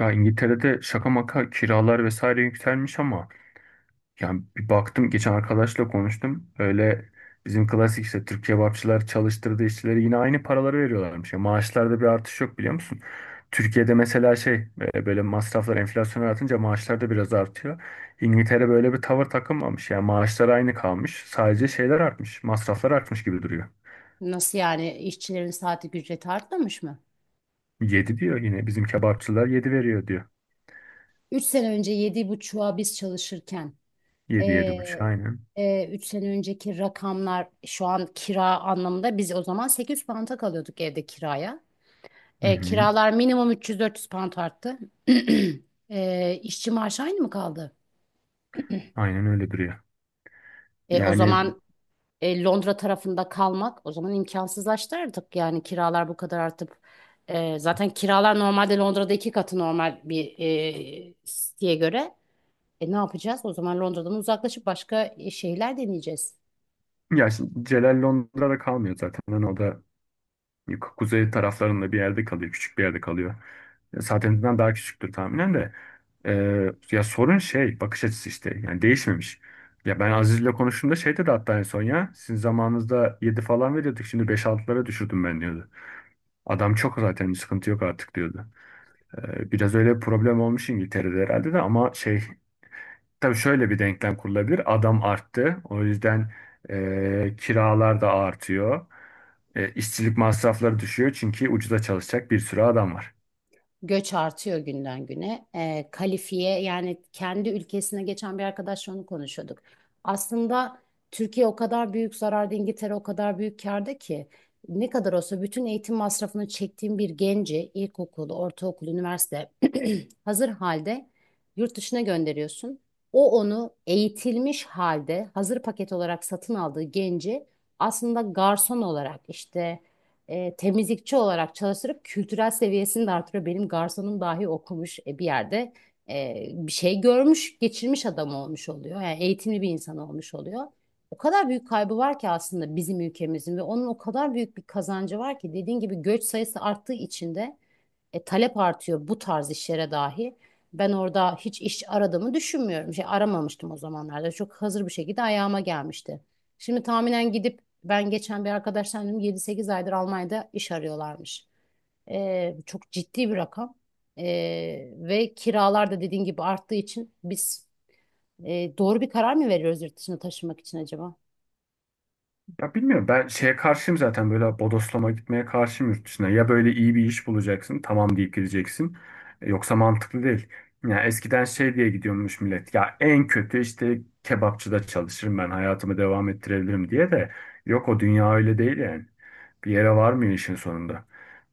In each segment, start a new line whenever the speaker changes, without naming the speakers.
Ya İngiltere'de şaka maka kiralar vesaire yükselmiş ama yani bir baktım geçen arkadaşla konuştum. Öyle bizim klasik işte Türk kebapçılar çalıştırdığı işçilere yine aynı paraları veriyorlarmış. Ya maaşlarda bir artış yok, biliyor musun? Türkiye'de mesela şey böyle masraflar enflasyona artınca maaşlar da biraz artıyor. İngiltere böyle bir tavır takınmamış. Yani maaşlar aynı kalmış. Sadece şeyler artmış. Masraflar artmış gibi duruyor.
Nasıl yani işçilerin saatlik ücreti artmamış mı?
Yedi diyor, yine bizim kebapçılar 7 veriyor diyor.
3 sene önce yedi buçuğa biz çalışırken
Yedi, yedi buçuk,
eee
aynen.
sene önceki rakamlar şu an kira anlamında biz o zaman 800 pound'a kalıyorduk evde kiraya.
Hı hı.
Kiralar minimum 300 yüz 400 pound arttı. İşçi maaşı aynı mı kaldı?
Aynen öyle duruyor.
O
Yani.
zaman Londra tarafında kalmak o zaman imkansızlaştı artık. Yani kiralar bu kadar artıp zaten kiralar normalde Londra'da iki katı normal bir siteye göre. Ne yapacağız? O zaman Londra'dan uzaklaşıp başka şehirler deneyeceğiz.
Ya şimdi Celal Londra'da kalmıyor zaten. Hani o da kuzey taraflarında bir yerde kalıyor. Küçük bir yerde kalıyor. Saatininden daha küçüktür tahminen de. Ya sorun şey bakış açısı işte. Yani değişmemiş. Ya ben Aziz'le konuştuğumda şey dedi hatta en son ya. Sizin zamanınızda 7 falan veriyorduk. Şimdi beş 6'lara düşürdüm ben diyordu. Adam çok, zaten sıkıntı yok artık diyordu. Biraz öyle problem olmuş İngiltere'de herhalde de, ama şey. Tabii şöyle bir denklem kurulabilir. Adam arttı. O yüzden kiralar da artıyor. İşçilik masrafları düşüyor çünkü ucuza çalışacak bir sürü adam var.
Göç artıyor günden güne. Kalifiye yani kendi ülkesine geçen bir arkadaşla onu konuşuyorduk. Aslında Türkiye o kadar büyük zararda, İngiltere o kadar büyük kârda ki ne kadar olsa bütün eğitim masrafını çektiğim bir genci, ilkokulu, ortaokul, üniversite hazır halde yurt dışına gönderiyorsun. O onu eğitilmiş halde hazır paket olarak satın aldığı genci aslında garson olarak işte temizlikçi olarak çalıştırıp kültürel seviyesini de artırıyor. Benim garsonum dahi okumuş bir yerde bir şey görmüş, geçirmiş adam olmuş oluyor. Yani eğitimli bir insan olmuş oluyor. O kadar büyük kaybı var ki aslında bizim ülkemizin ve onun o kadar büyük bir kazancı var ki dediğin gibi göç sayısı arttığı için de talep artıyor bu tarz işlere dahi. Ben orada hiç iş aradığımı düşünmüyorum. Şey aramamıştım o zamanlarda. Çok hazır bir şekilde ayağıma gelmişti. Şimdi tahminen gidip ben geçen bir arkadaştan dedim 7-8 aydır Almanya'da iş arıyorlarmış. Çok ciddi bir rakam. E, Ve kiralar da dediğin gibi arttığı için biz doğru bir karar mı veriyoruz yurt dışına taşınmak için acaba?
Ya bilmiyorum, ben şeye karşıyım zaten, böyle bodoslama gitmeye karşıyım yurt dışına. Ya böyle iyi bir iş bulacaksın, tamam, deyip gideceksin. Yoksa mantıklı değil. Ya eskiden şey diye gidiyormuş millet. Ya en kötü işte kebapçıda çalışırım, ben hayatımı devam ettirebilirim diye de. Yok, o dünya öyle değil yani. Bir yere varmıyor işin sonunda.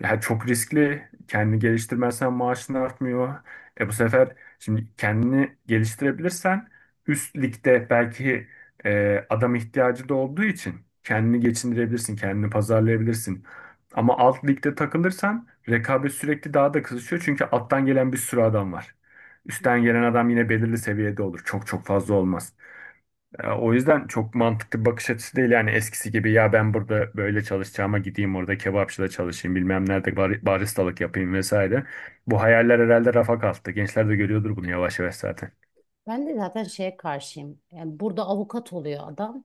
Ya çok riskli. Kendini geliştirmezsen maaşın artmıyor. E bu sefer şimdi kendini geliştirebilirsen üst ligde belki adam ihtiyacı da olduğu için kendini geçindirebilirsin, kendini pazarlayabilirsin. Ama alt ligde takılırsan rekabet sürekli daha da kızışıyor çünkü alttan gelen bir sürü adam var. Üstten gelen adam yine belirli seviyede olur. Çok çok fazla olmaz. O yüzden çok mantıklı bir bakış açısı değil yani eskisi gibi, ya ben burada böyle çalışacağıma gideyim orada kebapçıda çalışayım, bilmem nerede baristalık yapayım vesaire. Bu hayaller herhalde rafa kalktı. Gençler de görüyordur bunu yavaş yavaş zaten.
Ben de zaten şeye karşıyım. Yani burada avukat oluyor adam.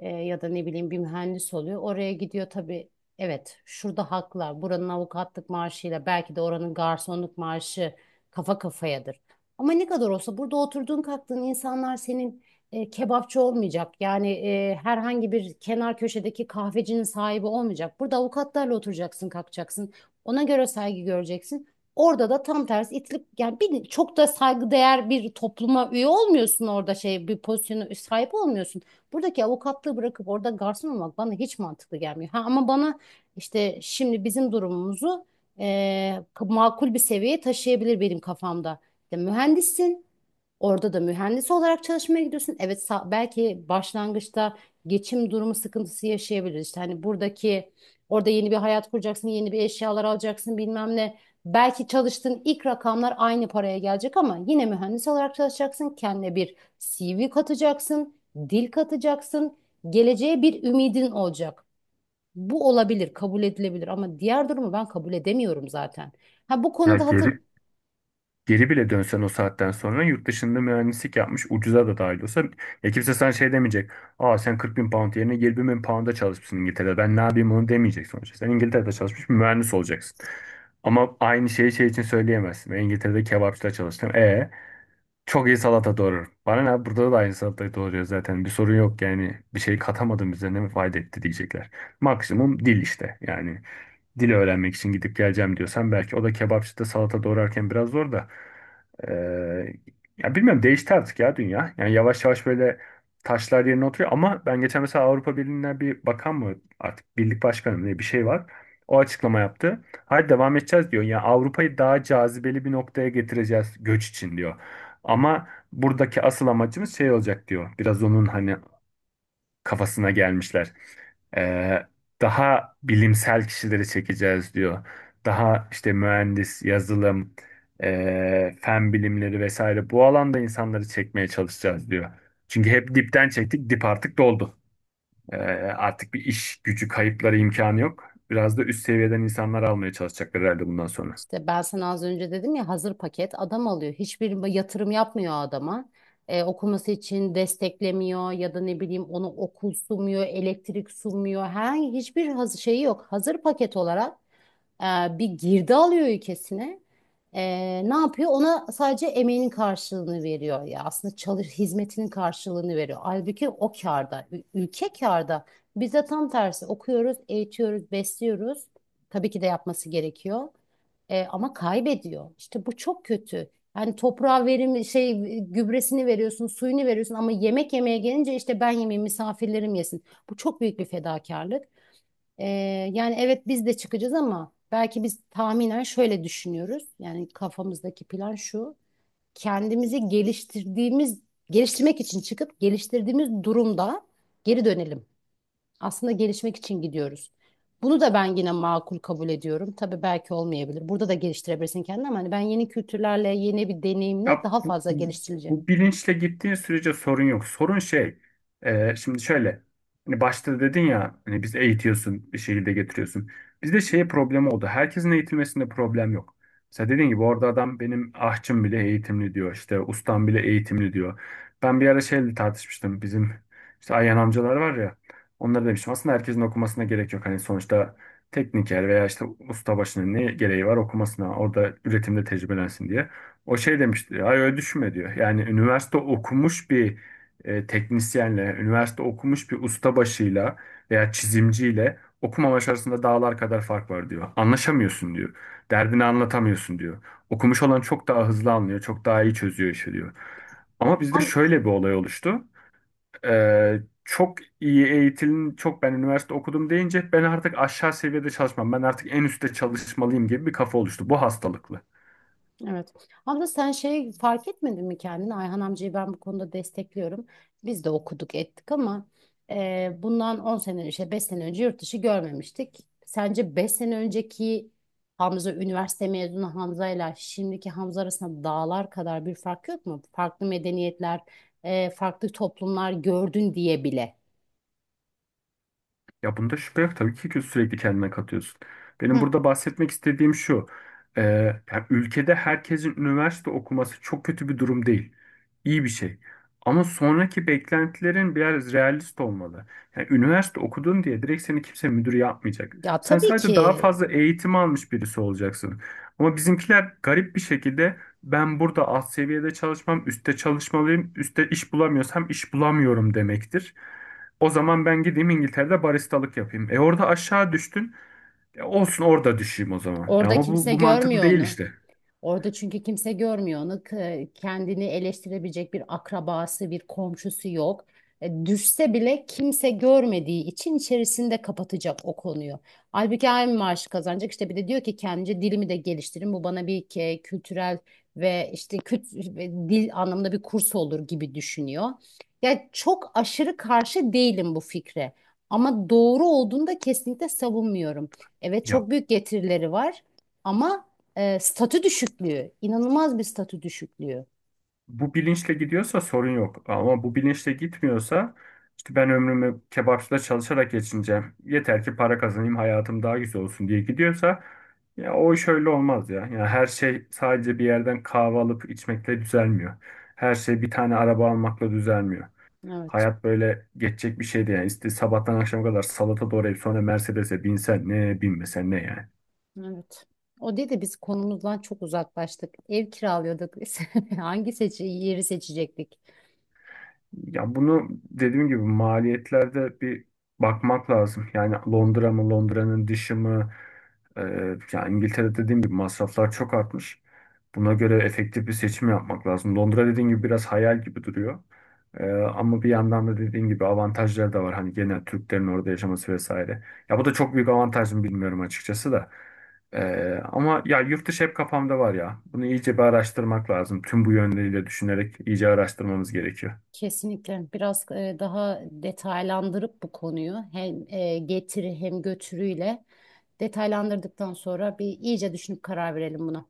Ya da ne bileyim bir mühendis oluyor. Oraya gidiyor tabii. Evet, şurada haklar. Buranın avukatlık maaşıyla belki de oranın garsonluk maaşı kafa kafayadır. Ama ne kadar olsa burada oturduğun kalktığın insanlar senin kebapçı olmayacak. Yani herhangi bir kenar köşedeki kahvecinin sahibi olmayacak. Burada avukatlarla oturacaksın, kalkacaksın. Ona göre saygı göreceksin. Orada da tam tersi itilip yani bir, çok da saygıdeğer bir topluma üye olmuyorsun orada şey bir pozisyona sahip olmuyorsun. Buradaki avukatlığı bırakıp orada garson olmak bana hiç mantıklı gelmiyor. Ha, ama bana işte şimdi bizim durumumuzu makul bir seviyeye taşıyabilir benim kafamda. İşte mühendissin. Orada da mühendis olarak çalışmaya gidiyorsun. Evet sa- belki başlangıçta geçim durumu sıkıntısı yaşayabiliriz. İşte hani buradaki orada yeni bir hayat kuracaksın, yeni bir eşyalar alacaksın bilmem ne. Belki çalıştığın ilk rakamlar aynı paraya gelecek ama yine mühendis olarak çalışacaksın. Kendine bir CV katacaksın, dil katacaksın. Geleceğe bir ümidin olacak. Bu olabilir, kabul edilebilir ama diğer durumu ben kabul edemiyorum zaten. Ha, bu
Ya
konuda
geri Geri bile dönsen o saatten sonra yurt dışında mühendislik yapmış, ucuza da dahil olsa, ya kimse sana şey demeyecek. Aa, sen 40 bin pound yerine 20 bin pound'a çalışmışsın İngiltere'de. Ben ne yapayım onu, demeyecek sonuçta. Sen İngiltere'de çalışmış bir mühendis olacaksın. Ama aynı şeyi şey için söyleyemezsin. Ben İngiltere'de kebapçıda çalıştım. E çok iyi salata doğruyorum. Bana ne, burada da aynı salatayı doğruyor zaten. Bir sorun yok yani. Bir şey katamadım, bize ne fayda etti, diyecekler. Maksimum dil işte yani, dil öğrenmek için gidip geleceğim diyorsan belki, o da kebapçıda salata doğrarken biraz zor da. Ee, Ya bilmiyorum, değişti artık ya dünya. Yani yavaş yavaş böyle taşlar yerine oturuyor, ama ben geçen mesela Avrupa Birliği'nden bir bakan mı, artık birlik başkanı mı diye bir şey var. O açıklama yaptı. Hayır, devam edeceğiz diyor. Yani Avrupa'yı daha cazibeli bir noktaya getireceğiz göç için diyor. Ama buradaki asıl amacımız şey olacak diyor. Biraz onun hani kafasına gelmişler. Ee, Daha bilimsel kişileri çekeceğiz diyor. Daha işte mühendis, yazılım, fen bilimleri vesaire, bu alanda insanları çekmeye çalışacağız diyor. Çünkü hep dipten çektik, dip artık doldu. Ee, Artık bir iş gücü kayıpları imkanı yok. Biraz da üst seviyeden insanlar almaya çalışacaklar herhalde bundan sonra.
İşte ben sana az önce dedim ya hazır paket adam alıyor. Hiçbir yatırım yapmıyor adama. Okuması için desteklemiyor ya da ne bileyim onu okul sunmuyor, elektrik sunmuyor. Her hiçbir hazır şeyi yok. Hazır paket olarak e, bir girdi alıyor ülkesine. E, Ne yapıyor? Ona sadece emeğinin karşılığını veriyor ya. Aslında çalış hizmetinin karşılığını veriyor. Halbuki o kârda, ülke kârda. Biz de tam tersi okuyoruz, eğitiyoruz, besliyoruz. Tabii ki de yapması gerekiyor. Ama kaybediyor. İşte bu çok kötü. Yani toprağa verim şey gübresini veriyorsun, suyunu veriyorsun ama yemek yemeye gelince işte ben yemeyeyim misafirlerim yesin. Bu çok büyük bir fedakarlık. Ee, Yani evet biz de çıkacağız ama belki biz tahminen şöyle düşünüyoruz. Yani kafamızdaki plan şu. Kendimizi geliştirdiğimiz, geliştirmek için çıkıp geliştirdiğimiz durumda geri dönelim. Aslında gelişmek için gidiyoruz. Bunu da ben yine makul kabul ediyorum. Tabii belki olmayabilir. Burada da geliştirebilirsin kendini ama hani ben yeni kültürlerle, yeni bir deneyimle
Ya
daha
bu,
fazla geliştirileceğim.
Bu bilinçle gittiğin sürece sorun yok. Sorun şey, şimdi şöyle, hani başta dedin ya, hani biz eğitiyorsun, bir şekilde getiriyorsun. Bizde şey problemi oldu. Herkesin eğitilmesinde problem yok. Mesela dediğin gibi orada adam benim ahçım bile eğitimli diyor, işte ustam bile eğitimli diyor. Ben bir ara şeyle tartışmıştım, bizim işte Ayhan amcalar var ya, onlara demiştim aslında herkesin okumasına gerek yok. Hani sonuçta tekniker veya işte ustabaşının ne gereği var okumasına, orada üretimde tecrübelensin diye. O şey demişti diyor, ay öyle düşünme diyor. Yani üniversite okumuş bir teknisyenle, üniversite okumuş bir ustabaşıyla veya çizimciyle okumamış arasında dağlar kadar fark var diyor. Anlaşamıyorsun diyor. Derdini anlatamıyorsun diyor. Okumuş olan çok daha hızlı anlıyor, çok daha iyi çözüyor işi diyor. Ama bizde
Ama
şöyle bir olay oluştu. Çok iyi eğitilin, çok ben üniversite okudum deyince ben artık aşağı seviyede çalışmam, ben artık en üstte çalışmalıyım gibi bir kafa oluştu. Bu hastalıklı.
Evet. Abla sen şey fark etmedin mi kendini? Ayhan amcayı ben bu konuda destekliyorum. Biz de okuduk ettik ama bundan 10 sene işte 5 sene önce yurt dışı görmemiştik. Sence 5 sene önceki Hamza üniversite mezunu Hamza ile şimdiki Hamza arasında dağlar kadar bir fark yok mu? Farklı medeniyetler, farklı toplumlar gördün diye bile.
Ya bunda şüphe yok tabii ki sürekli kendine katıyorsun. Benim
Heh.
burada bahsetmek istediğim şu. e, Yani ülkede herkesin üniversite okuması çok kötü bir durum değil. İyi bir şey. Ama sonraki beklentilerin biraz realist olmalı. Yani üniversite okudun diye direkt seni kimse müdür yapmayacak.
Ya
Sen
tabii ki
sadece daha fazla eğitim almış birisi olacaksın. Ama bizimkiler garip bir şekilde ben burada alt seviyede çalışmam, üstte çalışmalıyım, üstte iş bulamıyorsam iş bulamıyorum demektir. O zaman ben gideyim İngiltere'de baristalık yapayım. E orada aşağı düştün. E olsun, orada düşeyim o zaman. E
orada
ama bu,
kimse
bu mantıklı
görmüyor
değil
onu.
işte.
Orada çünkü kimse görmüyor onu. Kendini eleştirebilecek bir akrabası, bir komşusu yok. Düşse bile kimse görmediği için içerisinde kapatacak o konuyu. Halbuki aynı maaşı kazanacak. İşte bir de diyor ki kendince dilimi de geliştirin. Bu bana bir kültürel ve işte ve dil anlamında bir kurs olur gibi düşünüyor. Ya çok aşırı karşı değilim bu fikre. Ama doğru olduğunda kesinlikle savunmuyorum. Evet
Ya
çok büyük getirileri var ama statü düşüklüğü, inanılmaz bir statü düşüklüğü.
bu bilinçle gidiyorsa sorun yok. Ama bu bilinçle gitmiyorsa, işte ben ömrümü kebapçıda çalışarak geçineceğim, yeter ki para kazanayım, hayatım daha güzel olsun diye gidiyorsa, ya o iş öyle olmaz ya. Yani her şey sadece bir yerden kahve alıp içmekle düzelmiyor. Her şey bir tane araba almakla düzelmiyor.
Evet.
Hayat böyle geçecek bir şey değil. Yani. İşte sabahtan akşama kadar salata doğrayıp sonra Mercedes'e binsen ne, binmesen ne yani.
Evet. O dedi biz konumuzdan çok uzaklaştık. Ev kiralıyorduk biz. Hangi seçi yeri seçecektik?
Ya bunu dediğim gibi maliyetlerde bir bakmak lazım. Yani Londra mı, Londra'nın dışı mı? Yani İngiltere dediğim gibi masraflar çok artmış. Buna göre efektif bir seçim yapmak lazım. Londra dediğim gibi biraz hayal gibi duruyor. Ama bir yandan da dediğim gibi avantajları da var. Hani genel Türklerin orada yaşaması vesaire. Ya bu da çok büyük avantaj mı bilmiyorum açıkçası da. Ama ya yurt dışı hep kafamda var ya. Bunu iyice bir araştırmak lazım. Tüm bu yönleriyle düşünerek iyice araştırmamız gerekiyor.
Kesinlikle biraz daha detaylandırıp bu konuyu hem getiri hem götürüyle detaylandırdıktan sonra bir iyice düşünüp karar verelim buna.